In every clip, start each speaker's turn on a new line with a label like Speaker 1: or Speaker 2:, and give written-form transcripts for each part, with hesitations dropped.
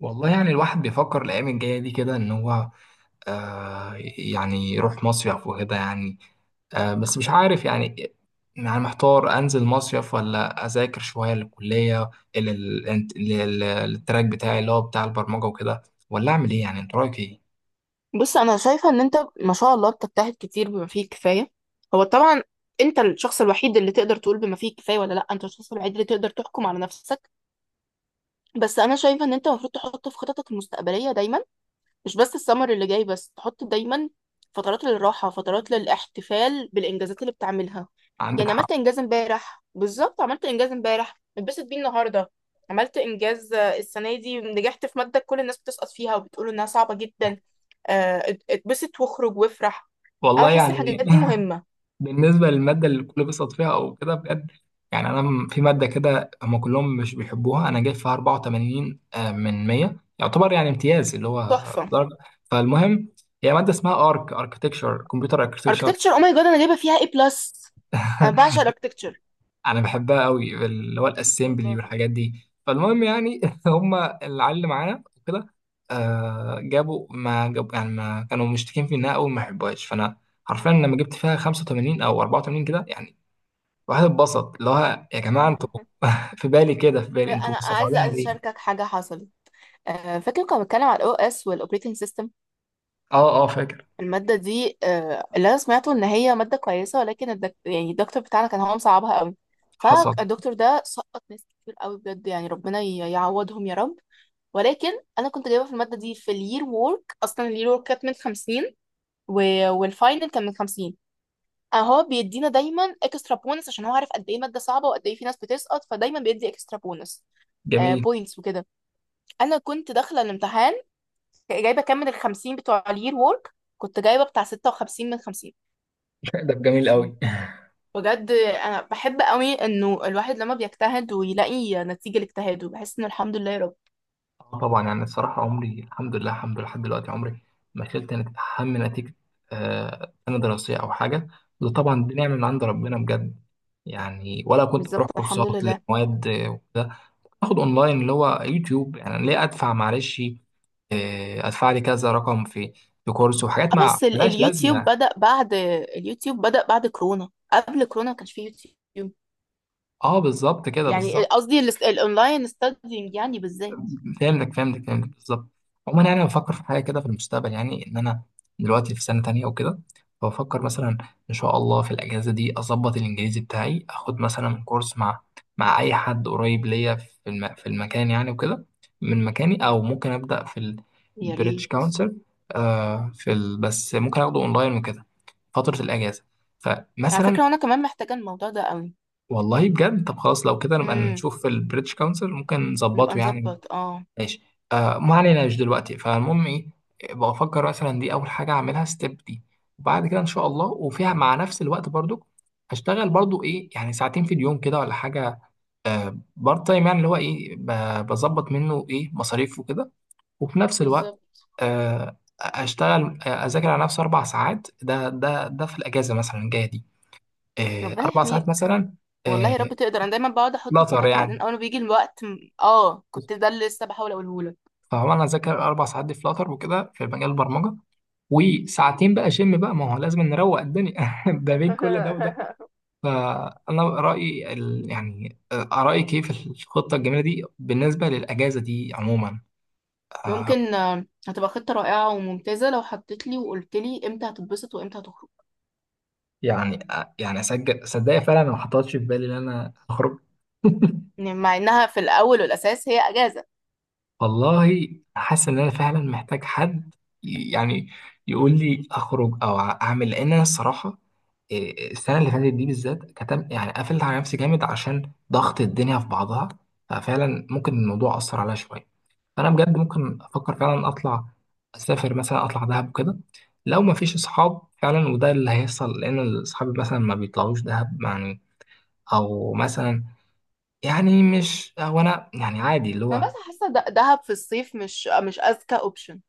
Speaker 1: والله يعني الواحد بيفكر الأيام الجاية دي كده إن هو يعني يروح مصيف وكده يعني. بس مش عارف يعني. يعني محتار أنزل مصيف ولا أذاكر شوية للكلية، لل- لل- للتراك بتاعي اللي هو بتاع البرمجة وكده، ولا أعمل إيه؟ يعني أنت رأيك إيه؟
Speaker 2: بص، انا شايفه ان انت ما شاء الله بتجتهد كتير بما فيه الكفايه. هو طبعا انت الشخص الوحيد اللي تقدر تقول بما فيه الكفايه ولا لا. انت الشخص الوحيد اللي تقدر تحكم على نفسك. بس انا شايفه ان انت المفروض تحط في خططك المستقبليه دايما، مش بس السمر اللي جاي، بس تحط دايما فترات للراحة، فترات للاحتفال بالإنجازات اللي بتعملها.
Speaker 1: عندك
Speaker 2: يعني
Speaker 1: حق.
Speaker 2: عملت إنجاز امبارح بالظبط، عملت إنجاز امبارح اتبسط بيه النهاردة. عملت إنجاز السنة دي نجحت في مادة كل الناس بتسقط فيها وبتقول إنها صعبة جدا. اتبسط واخرج وافرح. أنا
Speaker 1: والله
Speaker 2: بحس الحاجات
Speaker 1: يعني،
Speaker 2: دي مهمة.
Speaker 1: بالنسبة للمادة اللي الكل بيسقط فيها أو كده بجد، يعني في مادة كده هما كلهم مش بيحبوها، أنا جايب فيها 84 من 100، يعتبر يعني امتياز اللي هو
Speaker 2: تحفة.
Speaker 1: درجة. فالمهم، هي مادة اسمها أركتكشر، كمبيوتر أركتكشر.
Speaker 2: Architecture, oh my god، أنا جايبة فيها A plus. أنا بعشق الاركتكتشر.
Speaker 1: أنا بحبها قوي اللي هو الأسمبلي
Speaker 2: والله.
Speaker 1: والحاجات دي. فالمهم يعني هما العيال اللي معانا وكده جابوا ما جابوا، يعني ما كانوا مشتكين في إنها أوي، ما يحبوهاش. فأنا حرفيا
Speaker 2: مم.
Speaker 1: لما جبت فيها 85 أو 84 كده يعني الواحد اتبسط، اللي هو يا جماعه انتوا في بالي كده، في بالي
Speaker 2: لا،
Speaker 1: انتوا
Speaker 2: أنا عايزة
Speaker 1: مستصعبينها
Speaker 2: عايزة
Speaker 1: ليه؟
Speaker 2: أشاركك حاجة حصلت. فاكر كنا بنتكلم على الاو اس والاوبريتنج سيستم؟
Speaker 1: اه اه فاكر.
Speaker 2: الماده دي، اللي انا سمعته ان هي ماده كويسه، ولكن يعني الدكتور بتاعنا كان هو مصعبها قوي.
Speaker 1: حصل.
Speaker 2: فالدكتور ده سقط ناس كتير قوي بجد. يعني ربنا يعوضهم يا رب. ولكن انا كنت جايبه في الماده دي في الير وورك، اصلا الير وورك كانت من 50، و... والفاينل كان من 50. هو بيدينا دايما اكسترا بونس عشان هو عارف قد ايه ماده صعبه وقد ايه في ناس بتسقط، فدايما بيدي اكسترا بونس
Speaker 1: جميل.
Speaker 2: بوينتس وكده. انا كنت داخله الامتحان جايبه كام من الخمسين بتوع الير وورك، كنت جايبه بتاع ستة وخمسين من خمسين.
Speaker 1: ده جميل قوي.
Speaker 2: بجد انا بحب قوي انه الواحد لما بيجتهد ويلاقي نتيجه لاجتهاده، بحس انه الحمد لله يا رب.
Speaker 1: اه طبعا، يعني الصراحه، عمري الحمد لله الحمد لله لحد دلوقتي، عمري ما شلت هم نتيجه سنه دراسيه او حاجه. وده طبعا دي نعمه من عند ربنا بجد. يعني ولا كنت بروح
Speaker 2: بالظبط،
Speaker 1: كورسات
Speaker 2: الحمد لله.
Speaker 1: لمواد، وكده. باخد اونلاين اللي هو يوتيوب. يعني ليه ادفع؟ معلش ادفع لي كذا رقم في كورس وحاجات مع
Speaker 2: بس
Speaker 1: ملهاش
Speaker 2: اليوتيوب
Speaker 1: لازمه.
Speaker 2: بدأ بعد. اليوتيوب بدأ بعد كورونا، قبل كورونا ما كانش فيه يوتيوب.
Speaker 1: اه بالظبط كده
Speaker 2: يعني
Speaker 1: بالظبط.
Speaker 2: قصدي الاونلاين ستادينج يعني بالذات.
Speaker 1: فهمتك فهمتك فهمتك بالظبط. عموما يعني أنا بفكر في حاجه كده في المستقبل، يعني ان انا دلوقتي في سنه تانية وكده، فبفكر مثلا ان شاء الله في الاجازه دي اظبط الانجليزي بتاعي، اخد مثلا كورس مع اي حد قريب ليا في في المكان يعني وكده، من مكاني او ممكن ابدا في
Speaker 2: يا
Speaker 1: البريتش
Speaker 2: ريت.
Speaker 1: كونسل، بس ممكن اخده اونلاين وكده فتره الاجازه.
Speaker 2: على فكره
Speaker 1: فمثلا
Speaker 2: وانا كمان محتاجه الموضوع ده قوي.
Speaker 1: والله بجد، طب خلاص، لو كده نبقى
Speaker 2: امم.
Speaker 1: نشوف البريتش كونسل ممكن
Speaker 2: نبقى
Speaker 1: نظبطه يعني.
Speaker 2: نظبط اه.
Speaker 1: ماشي. ما علينا، مش دلوقتي. فالمهم ايه، بفكر مثلا دي اول حاجه اعملها ستيب دي، وبعد كده ان شاء الله وفيها مع نفس الوقت برضو هشتغل برضو ايه، يعني ساعتين في اليوم كده ولا حاجه، بارت تايم، يعني اللي هو ايه، بظبط منه ايه مصاريف وكده، وفي نفس الوقت
Speaker 2: بالظبط.
Speaker 1: آه اشتغل آه، اذاكر على نفسي اربع ساعات ده في الاجازه مثلا الجايه دي،
Speaker 2: ربنا
Speaker 1: اربع ساعات
Speaker 2: يحميك.
Speaker 1: مثلا.
Speaker 2: والله
Speaker 1: آه
Speaker 2: يا رب تقدر. انا دايما بقعد احط
Speaker 1: فلاتر
Speaker 2: خطط وبعدين
Speaker 1: يعني.
Speaker 2: اول ما بيجي الوقت كنت ده اللي لسه بحاول اقوله لك.
Speaker 1: فهو انا اذاكر اربع ساعات دي فلاتر وكده في مجال البرمجه، وساعتين بقى شم بقى، ما هو لازم نروق الدنيا ده بين كل ده وده. فانا رايي ال... يعني آه، رايك ايه في الخطه الجميله دي بالنسبه للاجازه دي عموما؟ آه،
Speaker 2: ممكن، هتبقى خطة رائعة وممتازة لو حطيت لي وقلت لي امتى هتتبسط وامتى هتخرج.
Speaker 1: يعني اسجل، صدقني فعلا أنا ما حطيتش في بالي ان انا اخرج.
Speaker 2: يعني مع انها في الاول والاساس هي اجازة.
Speaker 1: والله حاسس ان انا فعلا محتاج حد يعني يقول لي اخرج او اعمل، لان انا الصراحه السنه اللي فاتت دي بالذات كتم، يعني قفلت على نفسي جامد عشان ضغط الدنيا في بعضها. ففعلا ممكن الموضوع اثر عليا شويه. فانا بجد ممكن افكر فعلا اطلع اسافر مثلا، اطلع دهب وكده لو ما فيش اصحاب فعلا، وده اللي هيحصل لان اصحابي مثلا ما بيطلعوش دهب يعني. او مثلا يعني مش وانا يعني عادي اللي
Speaker 2: انا
Speaker 1: هو
Speaker 2: بس حاسة دهب في الصيف مش اذكى اوبشن.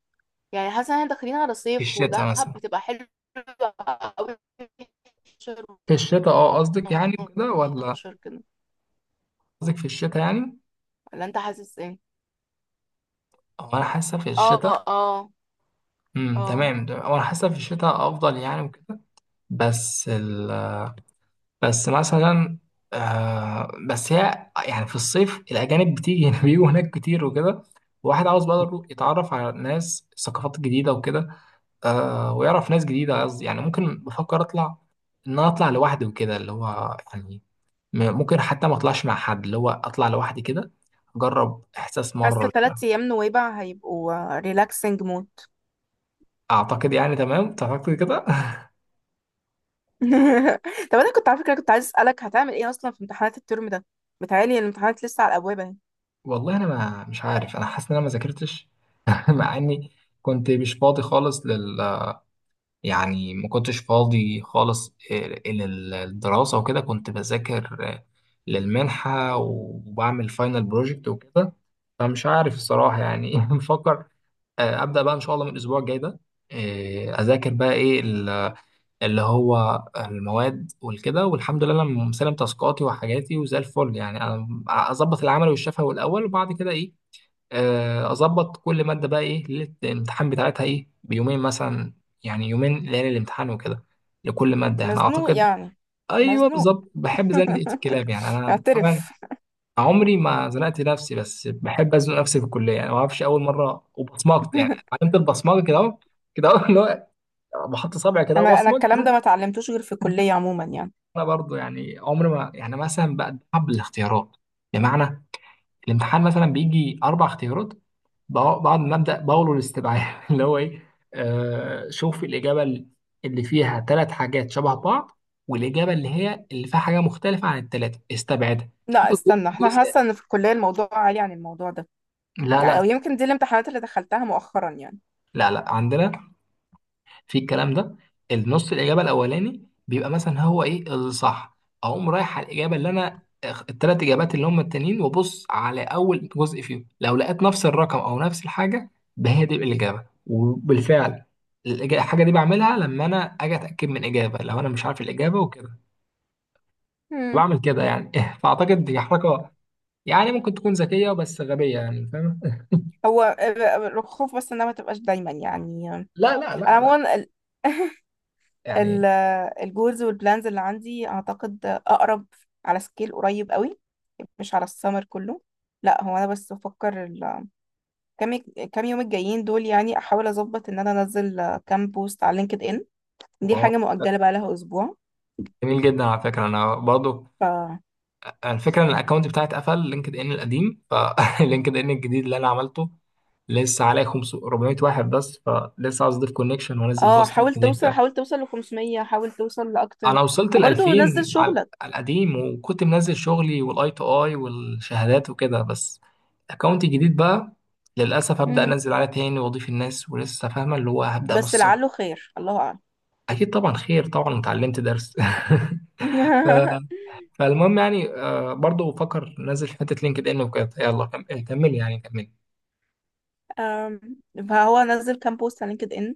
Speaker 2: يعني حاسة ان احنا داخلين على
Speaker 1: في
Speaker 2: صيف،
Speaker 1: الشتاء
Speaker 2: ودهب
Speaker 1: مثلا.
Speaker 2: بتبقى حلوة قوي في 11 و
Speaker 1: في الشتاء اه قصدك يعني كده ولا؟
Speaker 2: 12 كده.
Speaker 1: قصدك في الشتاء يعني.
Speaker 2: ولا انت حاسس ايه؟
Speaker 1: هو انا حاسه في
Speaker 2: اه،
Speaker 1: الشتاء.
Speaker 2: اه، اه.
Speaker 1: تمام هو انا حاسه في الشتاء افضل يعني وكده. بس بس مثلا بس هي يعني في الصيف الاجانب بتيجي بيجوا هناك كتير وكده، واحد عاوز بقى يروح يتعرف على ناس ثقافات جديده وكده، ويعرف ناس جديده. قصدي يعني ممكن بفكر اطلع ان انا اطلع لوحدي وكده، اللي هو يعني ممكن حتى ما اطلعش مع حد، اللي هو اطلع لوحدي كده اجرب احساس
Speaker 2: حاسه
Speaker 1: مره.
Speaker 2: ثلاث ايام نويبع هيبقوا ريلاكسنج مود.
Speaker 1: اعتقد يعني تمام، تعتقد كده؟
Speaker 2: طب انا كنت على فكره كنت عايز اسالك هتعمل ايه اصلا في امتحانات الترم ده. متهيألي الامتحانات لسه على الابواب اهي.
Speaker 1: والله انا ما مش عارف، انا حاسس ان انا ما ذاكرتش. مع اني كنت مش فاضي خالص يعني ما كنتش فاضي خالص للدراسه وكده. كنت بذاكر للمنحه وبعمل فاينل بروجكت وكده. فمش عارف الصراحه يعني. بفكر ابدا بقى ان شاء الله من الاسبوع الجاي ده، اذاكر بقى ايه اللي هو المواد والكده. والحمد لله انا مسلم تاسكاتي وحاجاتي وزي الفل، يعني انا اظبط العمل والشفوي الاول وبعد كده ايه، اظبط كل ماده بقى ايه ليله الامتحان بتاعتها، ايه بيومين مثلا يعني، يومين ليالي الامتحان وكده لكل ماده يعني
Speaker 2: مزنوق
Speaker 1: اعتقد.
Speaker 2: يعني.
Speaker 1: ايوه
Speaker 2: مزنوق.
Speaker 1: بالظبط، بحب زنقه الكلاب يعني انا فعلا.
Speaker 2: اعترف.
Speaker 1: عمري ما زنقت نفسي، بس بحب ازنق نفسي في الكليه يعني، ما اعرفش اول مره وبصمجت يعني. عملت البصمجه كده اهو، كده اهو اللي هو بحط صبعي كده
Speaker 2: انا
Speaker 1: وبصمج.
Speaker 2: الكلام ده ما اتعلمتوش غير في الكليه عموما يعني.
Speaker 1: انا برضو يعني عمر ما يعني مثلا بتعب بالاختيارات، بمعنى الامتحان مثلا بيجي اربع اختيارات، بعد ما ابدا بقوله الاستبعاد اللي هو ايه، شوف الاجابه اللي فيها ثلاث حاجات شبه بعض، والاجابه اللي هي اللي فيها حاجه مختلفه عن الثلاثه استبعدها
Speaker 2: لا
Speaker 1: شوف
Speaker 2: استنى، احنا
Speaker 1: الجزء.
Speaker 2: حاسه ان في الكليه الموضوع عالي عن الموضوع ده
Speaker 1: لا
Speaker 2: يعني. او
Speaker 1: لا
Speaker 2: يمكن دي الامتحانات اللي دخلتها مؤخرا يعني.
Speaker 1: لا لا، عندنا في الكلام ده النص الاجابه الاولاني بيبقى مثلا هو ايه الصح اقوم رايح على الاجابه اللي انا الثلاث اجابات اللي هم التانيين وابص على اول جزء فيهم لو لقيت نفس الرقم او نفس الحاجه ده هي دي الاجابه وبالفعل الإجا- الحاجه دي بعملها لما انا اجي اتاكد من اجابه لو انا مش عارف الاجابه وكده
Speaker 2: مم.
Speaker 1: بعمل كده يعني فاعتقد دي حركه يعني ممكن تكون ذكيه بس غبيه يعني فاهم
Speaker 2: هو الخوف بس انها ما تبقاش دايما يعني.
Speaker 1: لا لا لا
Speaker 2: انا
Speaker 1: لا
Speaker 2: عموما
Speaker 1: يعني
Speaker 2: الجولز والبلانز اللي عندي اعتقد اقرب على سكيل قريب قوي، مش على السمر كله. لا هو انا بس بفكر كام، كام يوم الجايين دول. يعني احاول اظبط ان انا انزل كام بوست على لينكد ان. دي
Speaker 1: واو.
Speaker 2: حاجه مؤجله بقى لها اسبوع.
Speaker 1: جميل جدا، على فكره انا برضو،
Speaker 2: ف
Speaker 1: الفكره ان الاكونت بتاعي اتقفل، لينكد ان القديم، فلينكد ان الجديد اللي انا عملته لسه عليه 500 400 واحد بس، فلسه عاوز اضيف كونكشن وانزل
Speaker 2: اه
Speaker 1: بوست
Speaker 2: حاول
Speaker 1: جديد
Speaker 2: توصل،
Speaker 1: ده.
Speaker 2: حاول توصل ل 500، حاول توصل لاكتر.
Speaker 1: انا وصلت ل
Speaker 2: وبرضه نزل
Speaker 1: 2000
Speaker 2: شغلك.
Speaker 1: على القديم، وكنت منزل شغلي والاي تو اي والشهادات وكده. بس الاكونت الجديد بقى للاسف هبدا
Speaker 2: امم.
Speaker 1: انزل عليه تاني واضيف الناس ولسه فاهمه اللي هو هبدا من
Speaker 2: بس
Speaker 1: الصفر.
Speaker 2: لعله خير، الله اعلم.
Speaker 1: اكيد طبعا خير، طبعا اتعلمت درس. ف فالمهم يعني برضه بفكر نزل حته لينكد ان وكده. يلا كملي يعني كملي.
Speaker 2: أم، فهو نزل كام بوست على لينكد ان.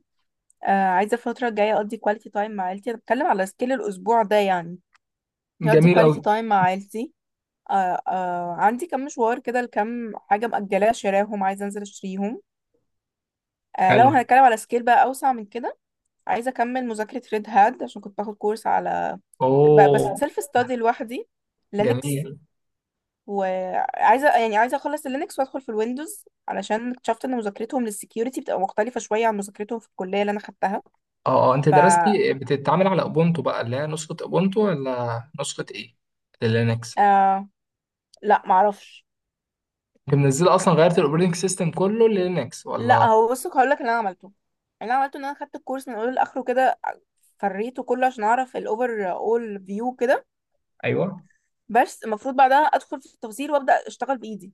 Speaker 2: آه، عايزه الفتره الجايه اقضي كواليتي تايم مع عيلتي. انا بتكلم على سكيل الاسبوع ده يعني. اقضي
Speaker 1: جميل قوي.
Speaker 2: كواليتي تايم مع عيلتي. آه، آه، عندي كام مشوار كده لكام حاجه مأجلاه شراهم، عايزه انزل اشتريهم. آه لو
Speaker 1: حلو.
Speaker 2: هنتكلم على سكيل بقى اوسع من كده، عايزه اكمل مذاكره ريد هاد عشان كنت باخد كورس على بس
Speaker 1: اوه.
Speaker 2: سيلف ستادي لوحدي. لينكس.
Speaker 1: جميل.
Speaker 2: وعايزه يعني عايزه اخلص اللينكس وادخل في الويندوز علشان اكتشفت ان مذاكرتهم للسكيورتي بتبقى مختلفه شويه عن مذاكرتهم في الكليه اللي انا خدتها.
Speaker 1: اه اه انت
Speaker 2: ف
Speaker 1: درستي بتتعامل على اوبونتو بقى اللي هي نسخه اوبونتو ولا نسخه ايه؟ لينكس.
Speaker 2: آه لا، معرفش.
Speaker 1: انت منزله اصلا؟ غيرت الاوبريتنج سيستم كله للينكس
Speaker 2: لا
Speaker 1: ولا؟
Speaker 2: هو بص هقول لك اللي انا عملته. اللي انا عملته ان انا خدت الكورس من اوله لاخره كده، فريته كله عشان اعرف الاوفر اول فيو كده.
Speaker 1: ايوه.
Speaker 2: بس المفروض بعدها ادخل في التفاصيل وابدا اشتغل بايدي.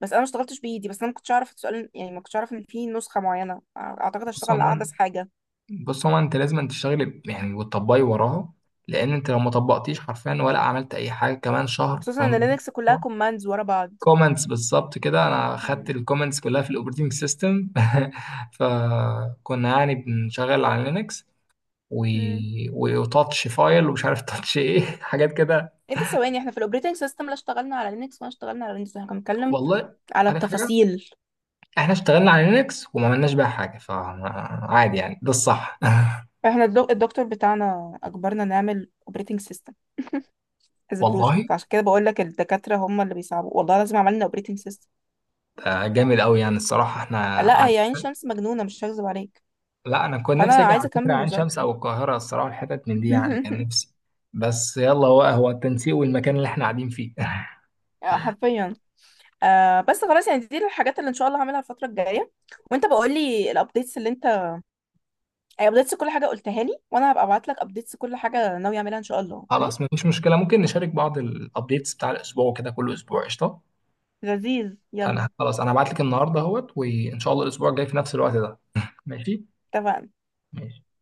Speaker 2: بس انا ما اشتغلتش بايدي. بس انا ما كنتش اعرف السؤال يعني. ما كنتش اعرف ان في نسخه معينه. اعتقد اشتغل
Speaker 1: بص
Speaker 2: على
Speaker 1: عموما
Speaker 2: احدث حاجه.
Speaker 1: بص عموما انت لازم تشتغلي يعني وتطبقي وراها، لان انت لو ما طبقتيش حرفيا ولا عملت اي حاجه كمان شهر
Speaker 2: وخصوصا ان
Speaker 1: كمان.
Speaker 2: لينكس كلها كوماندز ورا بعض.
Speaker 1: كومنتس بالظبط كده، انا خدت
Speaker 2: امم،
Speaker 1: الكومنتس كلها في الاوبريتنج سيستم. فكنا يعني بنشغل على لينكس و...
Speaker 2: امم.
Speaker 1: وتاتش فايل ومش عارف تاتش ايه حاجات كده.
Speaker 2: ايه ده، ثواني، احنا في الاوبريتنج سيستم لا اشتغلنا على لينكس ولا اشتغلنا على ويندوز. احنا كنا بنتكلم
Speaker 1: والله
Speaker 2: على
Speaker 1: عارف حاجه،
Speaker 2: التفاصيل.
Speaker 1: احنا اشتغلنا على لينكس وما عملناش بيها حاجه، فعادي يعني، ده الصح.
Speaker 2: احنا الدكتور بتاعنا اجبرنا نعمل اوبريتنج سيستم از
Speaker 1: والله
Speaker 2: بروجكت. عشان كده بقول لك الدكاتره هم اللي بيصعبوا. والله لازم عملنا اوبريتنج سيستم.
Speaker 1: ده جامد قوي يعني الصراحه
Speaker 2: لا هي عين شمس مجنونه، مش هكذب عليك.
Speaker 1: لا انا كنت
Speaker 2: فانا
Speaker 1: نفسي اجي
Speaker 2: عايزه
Speaker 1: على فكره
Speaker 2: اكمل
Speaker 1: عين شمس
Speaker 2: مذاكره.
Speaker 1: او القاهره الصراحه، الحتت من دي يعني كان نفسي. بس يلا، هو هو التنسيق والمكان اللي احنا قاعدين فيه.
Speaker 2: حرفيا. آه بس خلاص يعني، دي الحاجات اللي ان شاء الله هعملها الفتره الجايه. وانت بقول لي الابديتس اللي انت، ابديتس كل حاجه قلتها لي، وانا هبقى ابعت لك ابديتس كل حاجه ناوي اعملها ان شاء الله. اوكي،
Speaker 1: خلاص مفيش مشكلة، ممكن نشارك بعض الابديتس بتاع الاسبوع وكده كل اسبوع، قشطة.
Speaker 2: لذيذ،
Speaker 1: انا
Speaker 2: يلا.
Speaker 1: خلاص، انا هبعت لك النهاردة اهوت وان شاء الله الاسبوع الجاي في نفس الوقت ده. ماشي.
Speaker 2: اتفقنا.
Speaker 1: ماشي.